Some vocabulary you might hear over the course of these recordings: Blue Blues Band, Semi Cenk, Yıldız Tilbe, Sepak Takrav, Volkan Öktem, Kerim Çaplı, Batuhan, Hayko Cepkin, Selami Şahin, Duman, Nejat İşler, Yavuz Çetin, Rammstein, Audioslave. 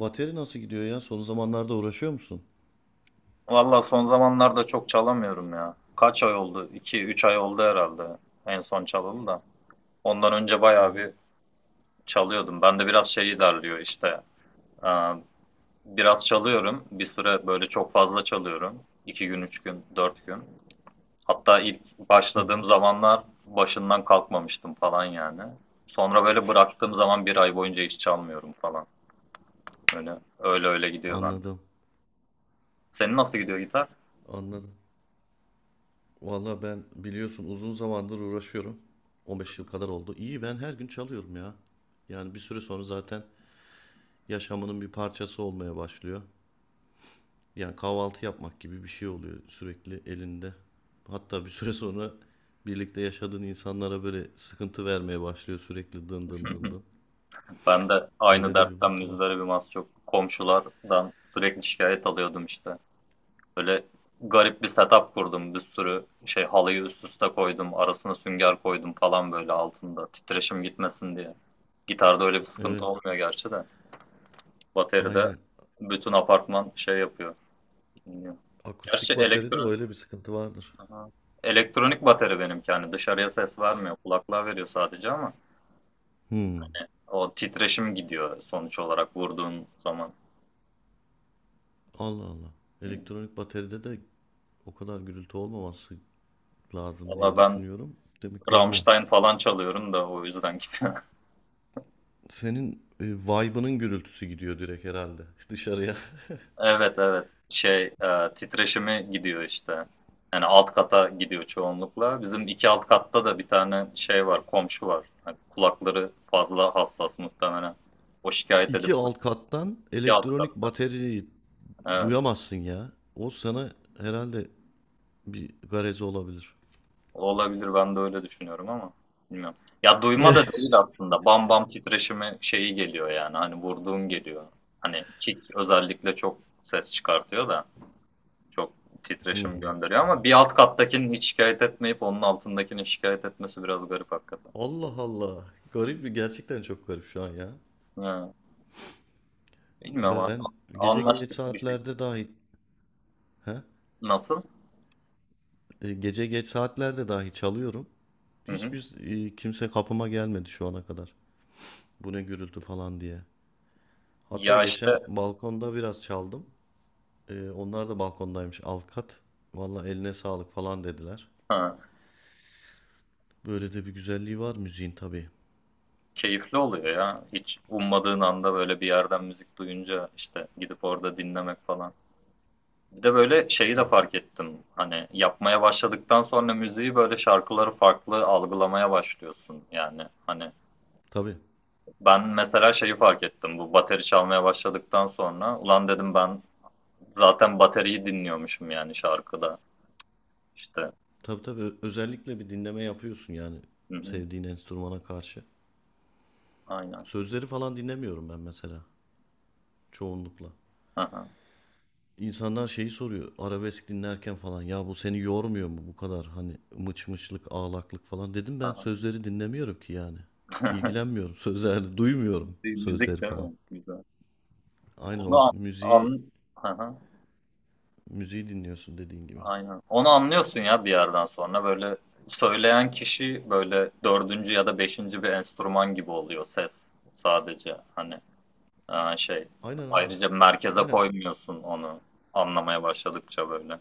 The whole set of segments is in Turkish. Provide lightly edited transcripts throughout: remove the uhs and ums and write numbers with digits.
Bateri nasıl gidiyor ya? Son zamanlarda uğraşıyor musun? Valla son zamanlarda çok çalamıyorum ya. Kaç ay oldu? 2 üç ay oldu herhalde en son çalalı da. Ondan önce Hı bayağı hı. bir çalıyordum. Ben de biraz şey ilerliyor işte. Ee, Biraz çalıyorum. Bir süre böyle çok fazla çalıyorum. 2 gün, 3 gün, 4 gün. Hatta ilk başladığım zamanlar başından kalkmamıştım falan yani. Sonra böyle bıraktığım zaman bir ay boyunca hiç çalmıyorum falan. Öyle öyle, öyle gidiyor bende. Anladım. Senin nasıl gidiyor gitar? Anladım. Valla ben biliyorsun uzun zamandır uğraşıyorum. 15 yıl kadar oldu. İyi ben her gün çalıyorum ya. Yani bir süre sonra zaten yaşamının bir parçası olmaya başlıyor. Yani kahvaltı yapmak gibi bir şey oluyor sürekli elinde. Hatta bir süre sonra birlikte yaşadığın insanlara böyle sıkıntı vermeye başlıyor sürekli dın dın dın dın. Ben de aynı Öyle de bir dertten botu var. müzdaribim az çok. Komşulardan sürekli şikayet alıyordum işte. Böyle garip bir setup kurdum. Bir sürü şey halıyı üst üste koydum. Arasına sünger koydum falan böyle altında. Titreşim gitmesin diye. Gitarda öyle bir sıkıntı Evet, olmuyor gerçi de. Bateride aynen. bütün apartman şey yapıyor. Dinliyor. Gerçi Akustik bateride öyle bir sıkıntı vardır. Aha. Elektronik bateri benimki. Yani dışarıya ses vermiyor. Kulaklığa veriyor sadece ama Hmm. o titreşim gidiyor sonuç olarak vurduğun zaman. Allah Allah. Elektronik bateride de o kadar gürültü olmaması lazım diye Valla ben düşünüyorum. Demek ki oluyor. Rammstein falan çalıyorum da o yüzden gidiyor. Senin vibe'ının gürültüsü gidiyor direkt herhalde dışarıya. Evet evet. Titreşimi gidiyor işte. Yani alt kata gidiyor çoğunlukla. Bizim iki alt katta da bir tane şey var, komşu var. Hani kulakları fazla hassas muhtemelen. O şikayet edip İki alt kattan iki alt elektronik katta. bataryayı Evet. duyamazsın ya. O sana herhalde bir garezi olabilir. Olabilir ben de öyle düşünüyorum ama bilmiyorum. Ya duyma da değil aslında. Bam bam titreşimi şeyi geliyor yani. Hani vurduğun geliyor. Hani kick özellikle çok ses çıkartıyor da. Çok titreşim Hmm. gönderiyor ama bir alt kattakinin hiç şikayet etmeyip onun altındakinin şikayet etmesi biraz garip hakikaten. Allah Allah. Garip bir gerçekten çok garip şu an ya. Ha, bilmiyorum abi. Ben gece geç Anlaştık bir şekilde. saatlerde dahi. He? Nasıl? Gece geç saatlerde dahi çalıyorum. Hı hı. Hiçbir kimse kapıma gelmedi şu ana kadar. Bu ne gürültü falan diye. Hatta Ya işte geçen balkonda biraz çaldım. Onlar da balkondaymış alt kat. Valla eline sağlık falan dediler. ha, Böyle de bir güzelliği var müziğin tabii. keyifli oluyor ya. Hiç ummadığın anda böyle bir yerden müzik duyunca işte gidip orada dinlemek falan. Bir de böyle şeyi de Tabii tabii. fark ettim. Hani yapmaya başladıktan sonra müziği böyle şarkıları farklı algılamaya başlıyorsun. Yani hani. Tabii Ben mesela şeyi fark ettim. Bu bateri çalmaya başladıktan sonra ulan dedim ben zaten bateriyi dinliyormuşum yani şarkıda. İşte. tabii tabii. Özellikle bir dinleme yapıyorsun yani Hı hı. sevdiğin enstrümana karşı. Aynen. Sözleri falan dinlemiyorum ben mesela çoğunlukla. Hı hı. İnsanlar şeyi soruyor arabesk dinlerken falan ya bu seni yormuyor mu bu kadar hani mıç mıçlık ağlaklık falan dedim Hı ben hı. sözleri dinlemiyorum ki yani ilgilenmiyorum sözlerle duymuyorum Müzik sözleri değil falan. mi? Güzel. Aynen Onu o an, müziği an Hı hı. müziği dinliyorsun dediğin gibi. Aynen. Onu anlıyorsun ya bir yerden sonra böyle söyleyen kişi böyle dördüncü ya da beşinci bir enstrüman gibi oluyor ses sadece hani e, şey Aynen aynen. ayrıca merkeze Aynen koymuyorsun onu anlamaya başladıkça böyle.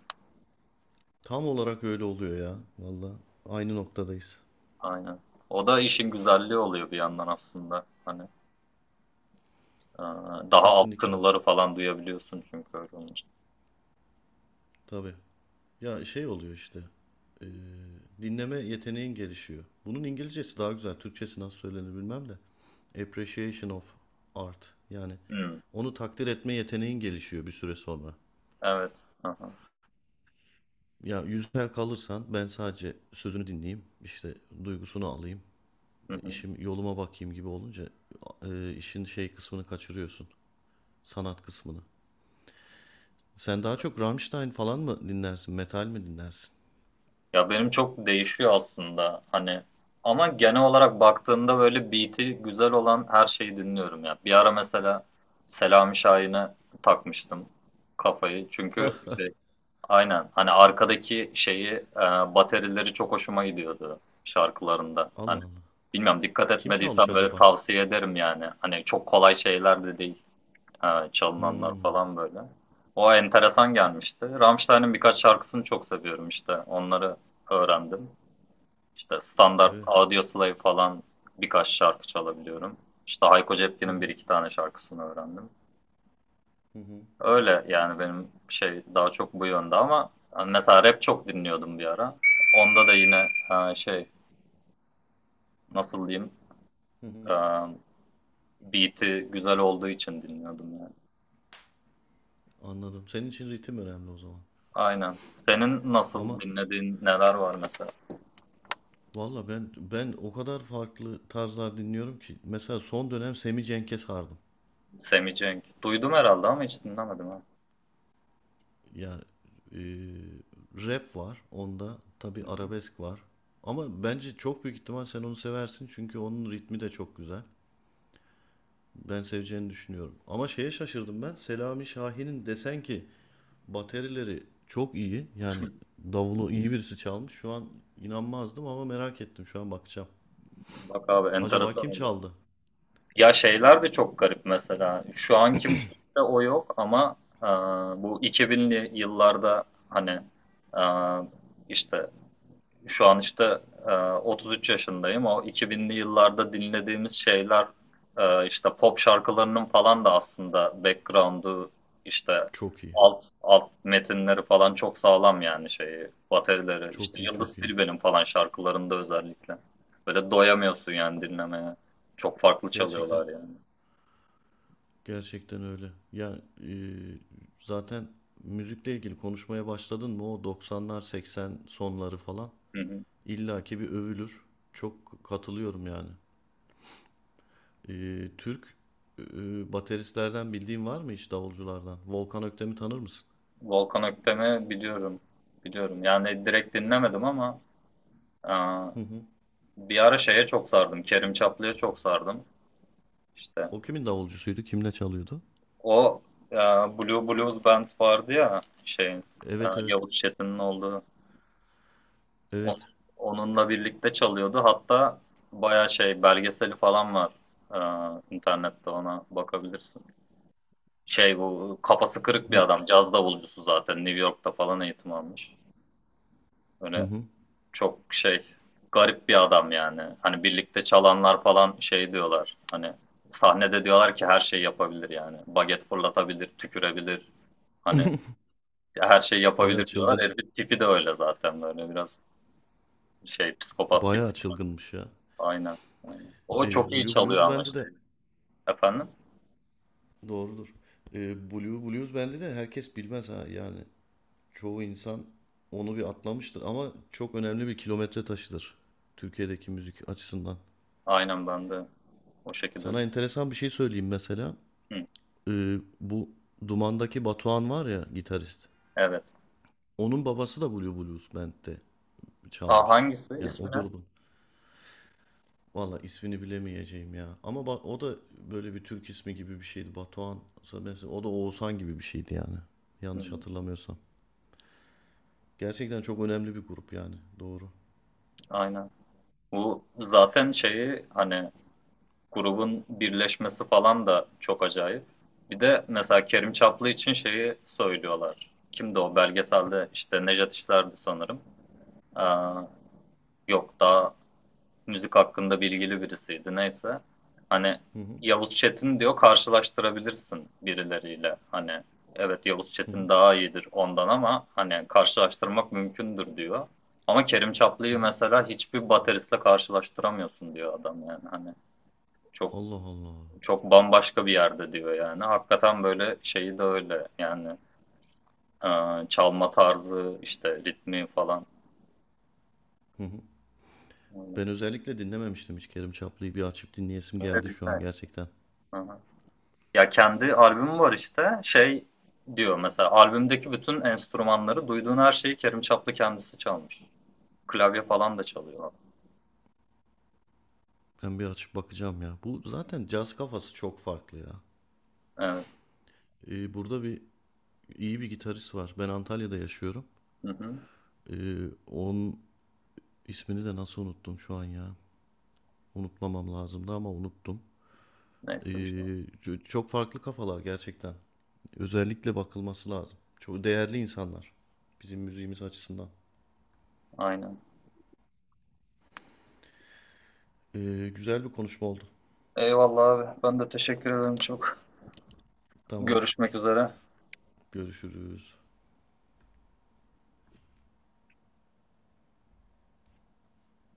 tam olarak öyle oluyor ya valla aynı noktadayız. Aynen. O da işin güzelliği oluyor bir yandan aslında. Hani e, daha alt Kesinlikle tınıları falan duyabiliyorsun çünkü öyle olunca. tabii. Ya şey oluyor işte e, dinleme yeteneğin gelişiyor. Bunun İngilizcesi daha güzel. Türkçesi nasıl söylenir bilmem de. Appreciation of art. Yani Hmm, onu takdir etme yeteneğin gelişiyor bir süre sonra. evet. Aha, Ya yüzler kalırsan ben sadece sözünü dinleyeyim, işte duygusunu alayım, hı hı. işim yoluma bakayım gibi olunca işin şey kısmını kaçırıyorsun. Sanat kısmını. Sen daha çok Rammstein falan mı dinlersin, metal mi dinlersin? Ya benim çok değişiyor aslında. Hani ama genel olarak baktığımda böyle beat'i güzel olan her şeyi dinliyorum ya. Bir ara mesela Selami Şahin'e takmıştım kafayı. Çünkü Allah Aynen. Hani arkadaki şeyi, e, baterileri çok hoşuma gidiyordu şarkılarında. Allah. Hani bilmiyorum dikkat Kim etmediysen çalmış böyle acaba? tavsiye ederim yani. Hani çok kolay şeyler de değil çalınanlar Hmm, falan böyle. O enteresan gelmişti. Rammstein'in birkaç şarkısını çok seviyorum işte. Onları öğrendim. İşte standart evet. Audioslave falan birkaç şarkı çalabiliyorum. İşte Hayko Hı Cepkin'in hı, bir iki tane şarkısını öğrendim. hı hı. Öyle yani benim şey daha çok bu yönde ama hani mesela rap çok dinliyordum bir ara. Onda da yine e, şey nasıl diyeyim Hı hı. e, beat'i güzel olduğu için dinliyordum yani. Anladım. Senin için ritim önemli o zaman. Aynen. Senin nasıl Ama dinlediğin neler var mesela? valla ben o kadar farklı tarzlar dinliyorum ki. Mesela son dönem Semi Cenk'e sardım. Semi Cenk. Duydum herhalde ama hiç dinlemedim ha. Ya e, rap var onda. Tabii Hı hı. arabesk var. Ama bence çok büyük ihtimal sen onu seversin. Çünkü onun ritmi de çok güzel. Ben seveceğini düşünüyorum. Ama şeye şaşırdım ben. Selami Şahin'in desen ki baterileri çok iyi. Yani davulu iyi birisi çalmış. Şu an inanmazdım ama merak ettim. Şu an bakacağım. Bak abi Acaba enteresan kim oluyor. çaldı? Ya şeyler de çok garip mesela. Şu anki müzikte o yok ama e, bu 2000'li yıllarda hani e, işte Şu an işte 33 yaşındayım. O 2000'li yıllarda dinlediğimiz şeyler işte pop şarkılarının falan da aslında background'u işte Çok iyi. alt metinleri falan çok sağlam yani şeyi baterileri işte Çok iyi, Yıldız çok iyi. Tilbe'nin falan şarkılarında özellikle. Böyle doyamıyorsun yani dinlemeye. Çok farklı Gerçekten çalıyorlar yani. gerçekten öyle. Ya e, zaten müzikle ilgili konuşmaya başladın mı o 90'lar 80 sonları falan Hı hı. illaki bir övülür. Çok katılıyorum yani. Türk bateristlerden bildiğin var mı hiç davulculardan? Volkan Öktem'i tanır mısın? Volkan Öktem'i biliyorum. Biliyorum. Yani direkt dinlemedim ama e, Hı hı. bir ara şeye çok sardım. Kerim Çaplı'ya çok sardım. İşte O kimin davulcusuydu? Kimle çalıyordu? o e, Blue Blues Band vardı ya Evet evet. Yavuz Çetin'in olduğu O- Evet. onunla birlikte çalıyordu. Hatta baya şey belgeseli falan var internette ona bakabilirsin. Şey bu kafası kırık bir Bir adam caz davulcusu zaten New York'ta falan eğitim almış. hı Böyle hı. çok şey garip bir adam yani. Hani birlikte çalanlar falan şey diyorlar hani sahnede diyorlar ki her şeyi yapabilir yani. Baget fırlatabilir, tükürebilir. Hani ya her şeyi Bayağı yapabilir diyorlar. çılgın. Herifin tipi de öyle zaten böyle biraz şey psikopat gibi. Bayağı çılgınmış ya. Aynen. O çok iyi Blue çalıyor Blues ama Band'i şey. de Efendim? doğrudur. Blue Blues bende de herkes bilmez ha yani. Çoğu insan onu bir atlamıştır ama çok önemli bir kilometre taşıdır Türkiye'deki müzik açısından. Aynen ben de o şekilde Sana düşünüyorum. enteresan bir şey söyleyeyim mesela. Hı, Bu Duman'daki Batuhan var ya gitarist. evet. Onun babası da Blue Blues Band'de Ha, çalmış. hangisi? Yani İsmi o ne? grubun. Valla ismini bilemeyeceğim ya. Ama o da böyle bir Türk ismi gibi bir şeydi. Batuhan. Mesela o da Oğuzhan gibi bir şeydi yani. Yanlış Hı, hatırlamıyorsam. Gerçekten çok önemli bir grup yani. Doğru. aynen. Bu zaten şeyi hani grubun birleşmesi falan da çok acayip. Bir de mesela Kerim Çaplı için şeyi söylüyorlar. Kimdi o belgeselde? İşte Nejat İşler'di sanırım. Aa, yok daha müzik hakkında bilgili birisiydi neyse. Hani Hı hı. Yavuz Çetin diyor karşılaştırabilirsin birileriyle. Hani evet Yavuz Hı hı. Çetin daha iyidir ondan ama hani karşılaştırmak mümkündür diyor. Ama Kerim Hı Çaplı'yı hı. mesela hiçbir bateristle karşılaştıramıyorsun diyor adam yani hani çok Allah Allah. çok bambaşka bir yerde diyor yani. Hakikaten böyle şeyi de öyle yani e, çalma tarzı işte ritmi falan. Öyle. Ben özellikle dinlememiştim hiç Kerim Çaplı'yı. Bir açıp dinleyesim geldi şu Ritmi? an gerçekten. Hı hı. Ya kendi albümü var işte. Şey diyor mesela albümdeki bütün enstrümanları duyduğun her şeyi Kerim Çaplı kendisi çalmış. Klavye falan da çalıyor. Ben bir açıp bakacağım ya. Bu zaten caz kafası çok farklı ya. Evet. Burada bir iyi bir gitarist var. Ben Antalya'da yaşıyorum. Hı hı. Onun ismini de nasıl unuttum şu an ya. Unutmamam lazımdı ama unuttum. Ee, Neyse bir şey. Çok farklı kafalar gerçekten. Özellikle bakılması lazım. Çok değerli insanlar. Bizim müziğimiz açısından. Aynen. Güzel bir konuşma oldu. Eyvallah abi. Ben de teşekkür ederim çok. Tamam. Görüşmek üzere. Görüşürüz.